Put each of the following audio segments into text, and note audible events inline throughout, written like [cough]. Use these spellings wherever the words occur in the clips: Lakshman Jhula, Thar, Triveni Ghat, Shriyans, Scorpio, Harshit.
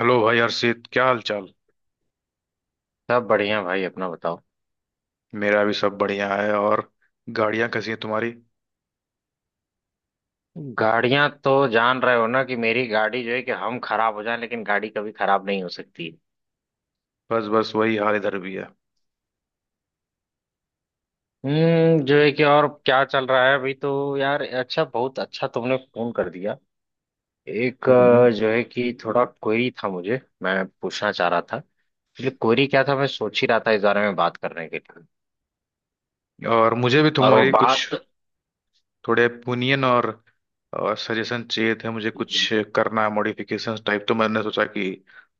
Hello भाई हर्षित, क्या हाल चाल। सब बढ़िया भाई, अपना बताओ। मेरा भी सब बढ़िया है। और गाड़ियां कैसी हैं तुम्हारी। गाड़ियां तो जान रहे हो ना कि मेरी गाड़ी जो है कि हम खराब हो जाए लेकिन गाड़ी कभी खराब नहीं हो सकती। बस बस वही हाल इधर भी है। हम्म। जो है कि और क्या चल रहा है अभी? तो यार अच्छा, बहुत अच्छा तुमने फोन कर दिया। एक हम्म। जो है कि थोड़ा क्वेरी था मुझे, मैं पूछना चाह रहा था। एक्चुअली क्वेरी क्या था, मैं सोच ही रहा था इस बारे में बात करने के लिए। और मुझे भी और वो तुम्हारी कुछ बात। थोड़े ओपिनियन और सजेशन चाहिए थे। मुझे कुछ करना है मॉडिफिकेशन टाइप, तो मैंने सोचा कि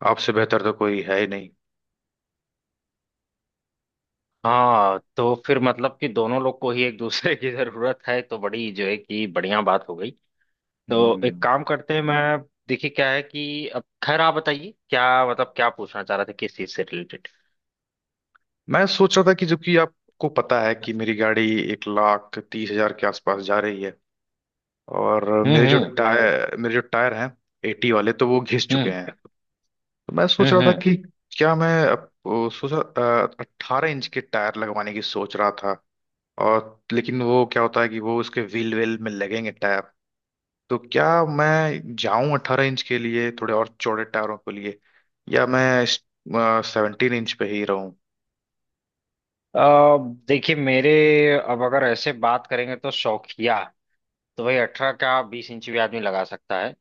आपसे बेहतर तो कोई है ही नहीं। हाँ, तो फिर मतलब कि दोनों लोग को ही एक दूसरे की जरूरत है तो बड़ी जो है कि बढ़िया बात हो गई। तो एक हम्म। काम करते हैं, मैं देखिए क्या है कि अब खैर, आप बताइए क्या मतलब क्या पूछना चाह रहे थे, किस चीज से रिलेटेड? मैं सोच रहा था कि जो कि आपको पता है कि मेरी गाड़ी 1,30,000 के आसपास जा रही है। और हम्म। मेरे जो हम्म। टायर मेरे जो टायर हैं एटी वाले, तो वो घिस चुके हम्म। हैं। तो मैं सोच हम्म। रहा था हम्म। कि क्या मैं सोचा 18 इंच के टायर लगवाने की सोच रहा था। और लेकिन वो क्या होता है कि वो उसके व्हील वेल में लगेंगे टायर। तो क्या मैं जाऊं 18 इंच के लिए, थोड़े और चौड़े टायरों के लिए, या मैं 17 इंच पे ही रहूं। अ, देखिए मेरे, अब अगर ऐसे बात करेंगे तो शौकिया, तो भाई 18 का 20 इंच भी आदमी लगा सकता है।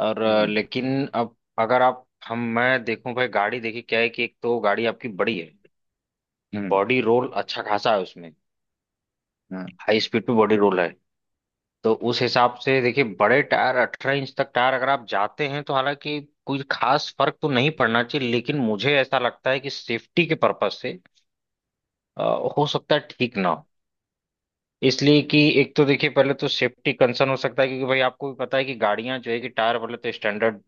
और हम्म लेकिन अब अगर आप हम मैं देखूं भाई गाड़ी, देखिए क्या है कि एक तो गाड़ी आपकी बड़ी है। हम्म बॉडी रोल अच्छा खासा है उसमें। हम्म हाई स्पीड पे बॉडी रोल है। तो उस हिसाब से देखिए, बड़े टायर 18 इंच तक टायर अगर आप जाते हैं तो हालांकि कुछ खास फर्क तो नहीं पड़ना चाहिए, लेकिन मुझे ऐसा लगता है कि सेफ्टी के पर्पज से अ, हो सकता है ठीक ना हो। इसलिए कि एक तो देखिए पहले तो सेफ्टी कंसर्न हो सकता है क्योंकि भाई आपको भी पता है कि गाड़ियां जो है कि टायर पहले तो स्टैंडर्ड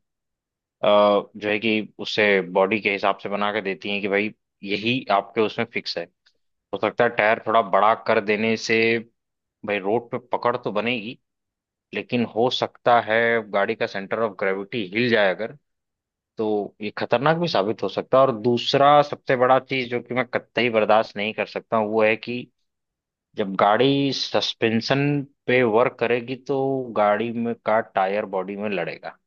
जो है कि उससे बॉडी के हिसाब से बना के देती हैं कि भाई यही आपके उसमें फिक्स है। हो सकता है टायर थोड़ा बड़ा कर देने से भाई रोड पे पकड़ तो बनेगी, लेकिन हो सकता है गाड़ी का सेंटर ऑफ ग्रेविटी हिल जाए अगर, तो ये खतरनाक भी साबित हो सकता है। और दूसरा सबसे बड़ा चीज जो कि मैं कतई बर्दाश्त नहीं कर सकता हूं, वो है कि जब गाड़ी सस्पेंशन पे वर्क करेगी तो गाड़ी में का टायर बॉडी में लड़ेगा।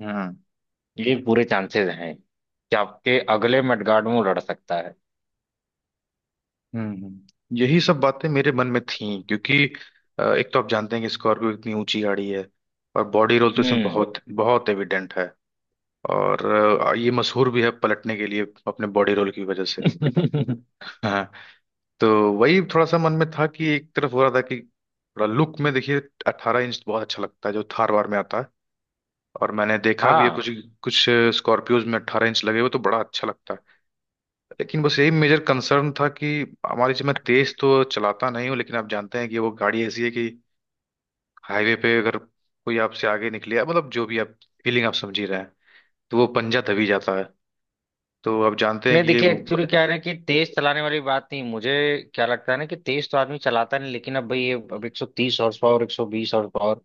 हम्म ये पूरे चांसेस हैं कि आपके अगले मडगार्ड में वो लड़ सकता है। हम्म। यही सब बातें मेरे मन में थीं, क्योंकि एक तो आप जानते हैं कि स्कॉर्पियो इतनी ऊंची गाड़ी है और बॉडी रोल तो इसमें हम्म। बहुत बहुत एविडेंट है। और ये मशहूर भी है पलटने के लिए अपने बॉडी रोल की वजह से। हाँ। तो वही थोड़ा सा मन में था कि एक तरफ हो रहा था कि थोड़ा लुक में देखिए, 18 इंच बहुत अच्छा लगता है जो थार वार में आता है। और मैंने देखा भी है [laughs] हाँ। कुछ कुछ स्कॉर्पियोज में 18 इंच लगे हुए, तो बड़ा अच्छा लगता है। लेकिन बस यही मेजर कंसर्न था कि हमारी, मैं तेज तो चलाता नहीं हूँ, लेकिन आप जानते हैं कि वो गाड़ी ऐसी है कि हाईवे पे अगर कोई आपसे आगे निकले या मतलब जो भी आप फीलिंग आप समझ ही रहे हैं। तो वो पंजा दबी जाता है। तो आप जानते हैं नहीं कि देखिए, एक्चुअली क्या है ना कि तेज चलाने वाली बात नहीं, मुझे क्या लगता है ना कि तेज तो आदमी चलाता नहीं, लेकिन अब भाई ये अब 130 हॉर्स पावर, 120 हॉर्स पावर,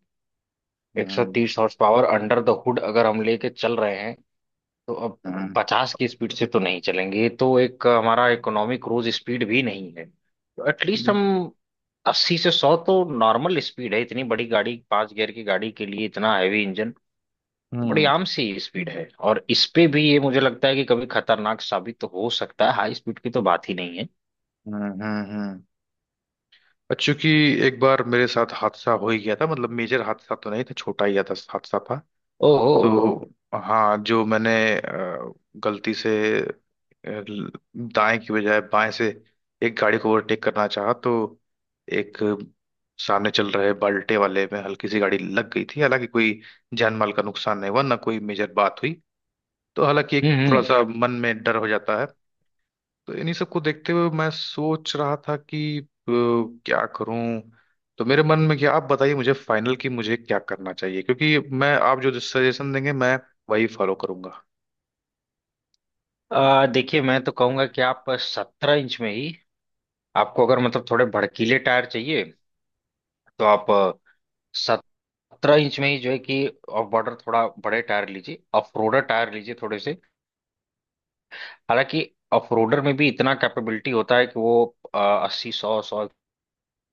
ये। 130 horse power under the hood अगर हम लेके चल रहे हैं तो अब हम्म 50 की स्पीड से तो नहीं चलेंगे। ये तो एक हमारा इकोनॉमिक क्रूज स्पीड भी नहीं है, तो एटलीस्ट हम 80 से 100 तो नॉर्मल स्पीड है। इतनी बड़ी गाड़ी, 5 गियर की गाड़ी के लिए इतना हैवी इंजन, बड़ी हम्म आम सी स्पीड है। और इस पे भी ये मुझे लगता है कि कभी खतरनाक साबित तो हो सकता है, हाई स्पीड की तो बात ही नहीं है। हम्म। और चूंकि एक बार मेरे साथ हादसा हो ही गया था, मतलब मेजर हादसा तो नहीं था, छोटा ही था हादसा था। ओहो। तो हाँ, जो मैंने अ, गलती से, अ, दाएं की बजाय बाएं से एक गाड़ी को ओवरटेक करना चाहा, तो एक सामने चल रहे बाल्टे वाले में हल्की सी गाड़ी लग गई थी। हालांकि कोई जान माल का नुकसान नहीं हुआ, ना कोई मेजर बात हुई। तो हालांकि एक हम्म। थोड़ा हम्म। सा मन में डर हो जाता है। तो इन्हीं सबको देखते हुए मैं सोच रहा था कि क्या करूं। तो मेरे मन में क्या, आप बताइए मुझे फाइनल की मुझे क्या करना चाहिए, क्योंकि मैं आप जो सजेशन देंगे मैं वही फॉलो करूंगा। देखिए मैं तो कहूंगा कि आप 17 इंच में ही, आपको अगर मतलब थोड़े भड़कीले टायर चाहिए तो आप 17 इंच में ही जो है कि ऑफ बॉर्डर थोड़ा बड़े टायर लीजिए, ऑफ रोडर टायर लीजिए थोड़े से। हालांकि ऑफ रोडर में भी इतना कैपेबिलिटी होता है कि वो अस्सी सौ सौ एक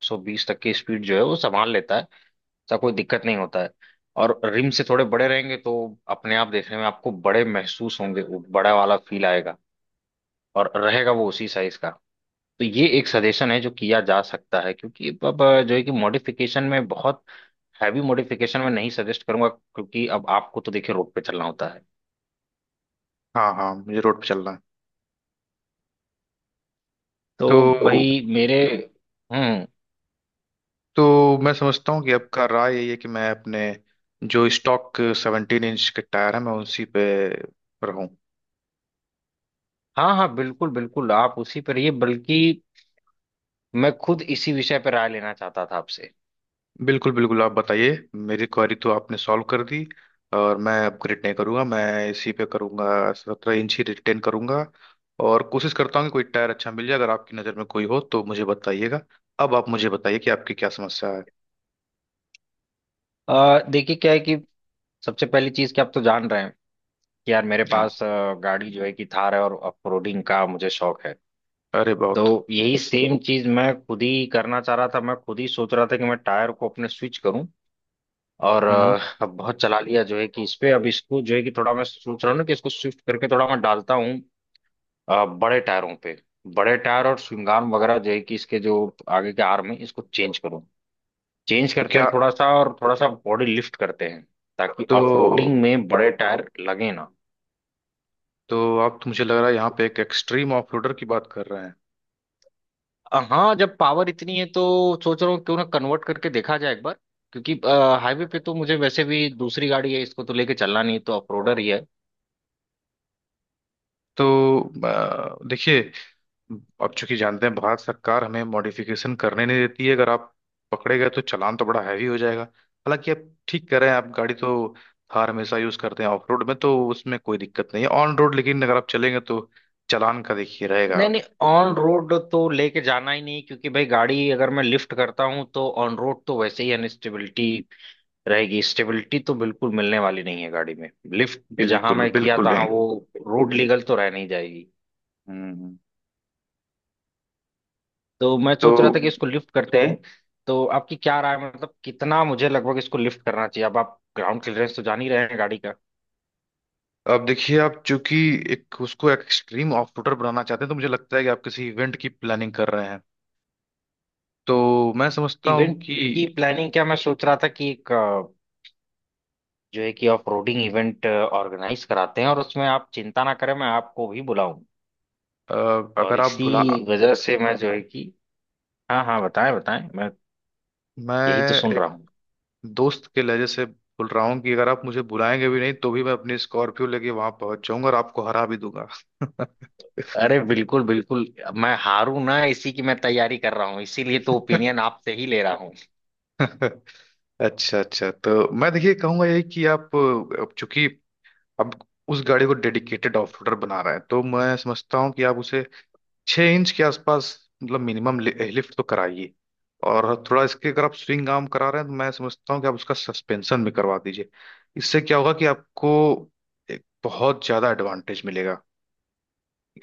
सौ बीस तक की स्पीड जो है वो संभाल लेता है। ऐसा कोई दिक्कत नहीं होता है। और रिम से थोड़े बड़े रहेंगे तो अपने आप देखने में आपको बड़े महसूस होंगे, वो बड़ा वाला फील आएगा और रहेगा वो उसी साइज का। तो ये एक सजेशन है जो किया जा सकता है, क्योंकि अब जो है कि मॉडिफिकेशन में बहुत हैवी मॉडिफिकेशन में नहीं सजेस्ट करूंगा क्योंकि अब आपको तो देखिए रोड पे चलना होता है। हाँ हाँ, मुझे रोड पे चलना है। तो तो भाई मेरे। हम्म। तो मैं समझता हूँ कि आपका राय यही है कि मैं अपने जो स्टॉक 17 इंच के टायर है मैं उसी पे रहूं। हाँ हाँ, बिल्कुल बिल्कुल, आप उसी पर रहिए। बल्कि मैं खुद इसी विषय पर राय लेना चाहता था आपसे। बिल्कुल बिल्कुल, आप बताइए। मेरी क्वेरी तो आपने सॉल्व कर दी, और मैं अपग्रेड नहीं करूंगा, मैं इसी पे करूंगा, 17 इंच ही रिटेन करूंगा। और कोशिश करता हूँ कि कोई टायर अच्छा मिल जाए। अगर आपकी नज़र में कोई हो तो मुझे बताइएगा। अब आप मुझे बताइए कि आपकी क्या समस्या है। देखिए क्या है कि सबसे पहली चीज कि आप तो जान रहे हैं यार, मेरे हाँ, पास गाड़ी जो है कि थार है और ऑफ रोडिंग का मुझे शौक है। अरे तो बहुत। यही सेम चीज मैं खुद ही करना चाह रहा था, मैं खुद ही सोच रहा था कि मैं टायर को अपने स्विच करूं। और हम्म। अब बहुत चला लिया जो है कि इस पे, अब इसको जो है कि थोड़ा मैं सोच रहा हूँ ना कि इसको शिफ्ट करके थोड़ा मैं डालता हूँ बड़े टायरों पे। बड़े टायर और श्रृंगार वगैरह जो है कि इसके जो आगे के आर्म है इसको चेंज करूँ। चेंज तो करते क्या हैं थोड़ा सा, और थोड़ा सा बॉडी लिफ्ट करते हैं ताकि ऑफ रोडिंग तो में बड़े टायर लगे ना। तो आप तो मुझे लग रहा है यहाँ पे एक एक्सट्रीम ऑफ रोडर की बात कर रहे हैं। हाँ, जब पावर इतनी है तो सोच रहा हूँ क्यों ना कन्वर्ट करके देखा जाए एक बार, क्योंकि हाईवे पे तो मुझे वैसे भी दूसरी गाड़ी है, इसको तो लेके चलना नहीं, तो ऑफरोडर ही है। तो देखिए, अब चूंकि जानते हैं भारत सरकार हमें मॉडिफिकेशन करने नहीं देती है, अगर आप पकड़े गए तो चालान तो बड़ा हैवी हो जाएगा। हालांकि आप ठीक कह रहे हैं, आप गाड़ी तो, थार हमेशा यूज करते हैं ऑफ रोड में, तो उसमें कोई दिक्कत नहीं है। ऑन रोड लेकिन अगर आप चलेंगे तो चालान का देखिए रहेगा। नहीं नहीं, ऑन रोड तो लेके जाना ही नहीं, क्योंकि भाई गाड़ी अगर मैं लिफ्ट करता हूँ तो ऑन रोड तो वैसे ही अनस्टेबिलिटी रहेगी, स्टेबिलिटी तो बिल्कुल मिलने वाली नहीं है गाड़ी में। लिफ्ट जहां बिल्कुल मैं किया बिल्कुल तहाँ नहीं। वो रोड लीगल तो रह नहीं जाएगी। हम्म। तो मैं तो सोच रहा था कि इसको लिफ्ट करते हैं। तो आपकी क्या राय है, मतलब कितना मुझे लगभग इसको लिफ्ट करना चाहिए? अब आप ग्राउंड क्लियरेंस तो जान ही रहे हैं गाड़ी का। अब देखिए, आप चूंकि एक उसको एक्सट्रीम ऑफ रोडर बनाना चाहते हैं, तो मुझे लगता है कि आप किसी इवेंट की प्लानिंग कर रहे हैं। तो मैं समझता हूँ कि इवेंट की प्लानिंग क्या, मैं सोच रहा था कि एक जो है कि ऑफ रोडिंग इवेंट ऑर्गेनाइज कराते हैं और उसमें आप चिंता ना करें, मैं आपको भी बुलाऊं। अ, और अगर आप इसी भुला, वजह से मैं जो है कि हाँ हाँ, बताएं बताएं, मैं यही तो सुन मैं रहा हूँ। दोस्त के लहजे से बोल रहा हूँ कि अगर आप मुझे बुलाएंगे भी नहीं तो भी मैं अपनी स्कॉर्पियो लेके वहां पहुंच जाऊंगा और आपको हरा भी दूंगा। अरे बिल्कुल बिल्कुल, मैं हारू ना, इसी की मैं तैयारी कर रहा हूँ, इसीलिए तो ओपिनियन [laughs] आपसे ही ले रहा। अच्छा अच्छा, तो मैं देखिए कहूंगा यही कि आप, अब चूंकि अब उस गाड़ी को डेडिकेटेड ऑफ रोडर बना रहे हैं, तो मैं समझता हूँ कि आप उसे 6 इंच के आसपास, मतलब मिनिमम लिफ्ट तो कराइए। और थोड़ा इसके अगर आप स्विंग आर्म करा रहे हैं, तो मैं समझता हूँ कि आप उसका सस्पेंशन भी करवा दीजिए। इससे क्या होगा कि आपको एक बहुत ज्यादा एडवांटेज मिलेगा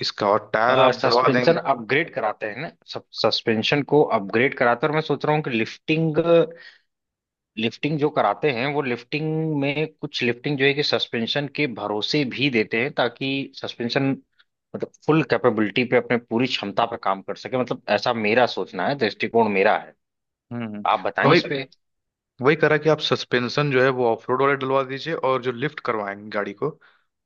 इसका। और टायर आप डलवा देंगे। सस्पेंशन अपग्रेड कराते हैं ना, सब सस्पेंशन को अपग्रेड कराते हैं। और मैं सोच रहा हूँ कि लिफ्टिंग, लिफ्टिंग जो कराते हैं वो लिफ्टिंग में कुछ लिफ्टिंग जो है कि सस्पेंशन के भरोसे भी देते हैं ताकि सस्पेंशन मतलब फुल कैपेबिलिटी पे अपने पूरी क्षमता पे काम कर सके, मतलब ऐसा मेरा सोचना है, दृष्टिकोण मेरा है। हम्म। आप बताएं वही इस पे। वही करा कि आप सस्पेंशन जो है वो ऑफ रोड वाले डलवा दीजिए। और जो लिफ्ट करवाएंगे गाड़ी को,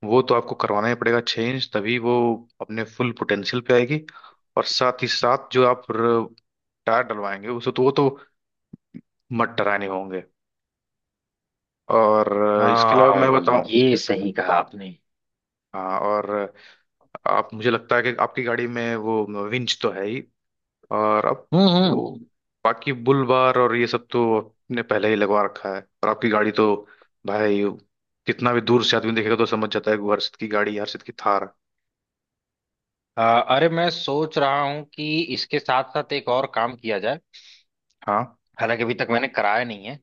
वो तो आपको करवाना ही पड़ेगा 6 इंच, तभी वो अपने फुल पोटेंशियल पे आएगी। और साथ ही साथ जो आप टायर डलवाएंगे उसे, तो वो तो मड डराने होंगे। और इसके अलावा हाँ, मैं बताऊं। ये सही कहा आपने। हाँ। और आप, मुझे लगता है कि आपकी गाड़ी में वो विंच तो है ही। और अब हम्म। वो बाकी बुल बार और ये सब तो आपने पहले ही लगवा रखा है। और आपकी गाड़ी तो भाई कितना भी दूर से आदमी देखेगा तो समझ जाता है कि वो हर्षित की गाड़ी है, हर्षित की थार है। अ, अरे मैं सोच रहा हूँ कि इसके साथ साथ एक और काम किया जाए। हाँ। हालांकि अभी तक मैंने कराया नहीं है,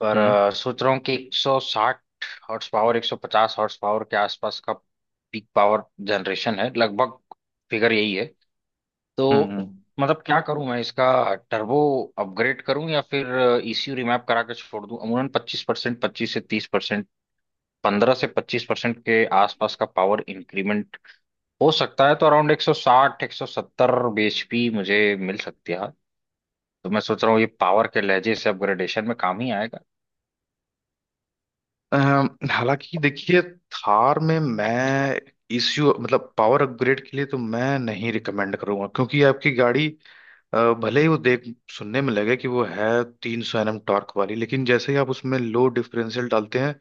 पर हम्म सोच रहा हूँ कि 160 हॉर्स पावर, 150 हॉर्स पावर के आसपास का पीक पावर जनरेशन है लगभग, फिगर यही है हम्म तो। हम्म। मतलब क्या करूं मैं इसका? टर्बो अपग्रेड करूं, या फिर ईसीयू रिमैप करा के छोड़ दूं? अमूमन 25%, 25% से 30%, 15% से 25% के आसपास का पावर इंक्रीमेंट हो सकता है तो अराउंड 160 170 bhp मुझे मिल सकती है। तो मैं सोच रहा हूँ ये पावर के लहजे से अपग्रेडेशन में काम ही आएगा। हालांकि देखिए, थार में मैं इश्यू, मतलब पावर अपग्रेड के लिए तो मैं नहीं रिकमेंड करूंगा, क्योंकि आपकी गाड़ी भले ही वो देख सुनने में लगे कि वो है 300 NM टॉर्क वाली, लेकिन जैसे ही आप उसमें लो डिफरेंशियल डालते हैं,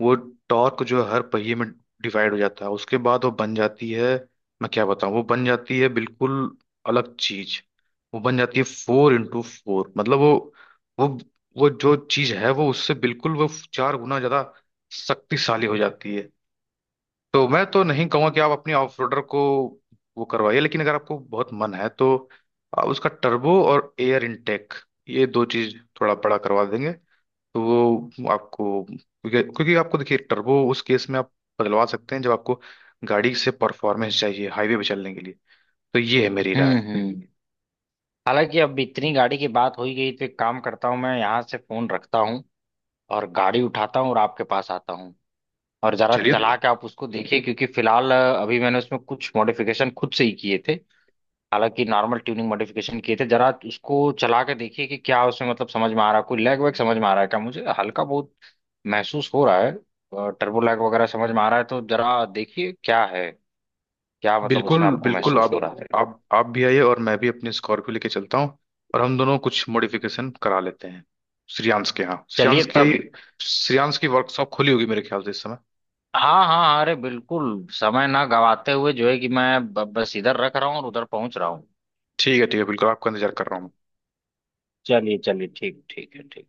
वो टॉर्क जो है हर पहिए में डिवाइड हो जाता है। उसके बाद वो बन जाती है, मैं क्या बताऊं, वो बन जाती है बिल्कुल अलग चीज। वो बन जाती है फोर इंटू फोर, मतलब वो वो जो चीज है वो उससे बिल्कुल वो चार गुना ज्यादा शक्तिशाली हो जाती है। तो मैं तो नहीं कहूंगा कि आप अपनी ऑफ रोडर को वो करवाइए। लेकिन अगर आपको बहुत मन है तो आप उसका टर्बो और एयर इनटेक, ये दो चीज थोड़ा बड़ा करवा देंगे, तो वो आपको, क्योंकि क्योंकि आपको देखिए टर्बो उस केस में आप बदलवा सकते हैं जब आपको गाड़ी से परफॉर्मेंस चाहिए हाईवे पे चलने के लिए। तो ये है मेरी राय। हम्म। हालांकि अब इतनी गाड़ी की बात हो ही गई तो एक काम करता हूँ, मैं यहाँ से फोन रखता हूँ और गाड़ी उठाता हूँ और आपके पास आता हूँ। और जरा चलिए। चला के आप उसको देखिए, क्योंकि फिलहाल अभी मैंने उसमें कुछ मॉडिफिकेशन खुद से ही किए थे। हालांकि नॉर्मल ट्यूनिंग मॉडिफिकेशन किए थे, जरा उसको चला के देखिए कि क्या उसमें मतलब समझ में आ रहा है, कोई लैग वैग समझ में आ रहा है क्या मुझे, हल्का बहुत महसूस हो रहा है, टर्बो लैग वगैरह समझ में आ रहा है तो जरा देखिए क्या है, क्या मतलब उसमें बिल्कुल आपको बिल्कुल, महसूस हो आप रहा है। आप आप भी आइए, और मैं भी अपनी स्कॉर्पियो लेके चलता हूँ, और हम दोनों कुछ मॉडिफिकेशन करा लेते हैं श्रियांश के यहाँ। चलिए तब। श्रियांश की वर्कशॉप खुली होगी मेरे ख्याल से इस समय। हाँ हाँ, अरे बिल्कुल, समय ना गवाते हुए जो है कि मैं बस इधर रख रहा हूँ और उधर पहुंच रहा हूँ। ठीक है ठीक है, बिल्कुल आपका इंतजार कर रहा हूँ मैं। चलिए चलिए, ठीक ठीक है ठीक।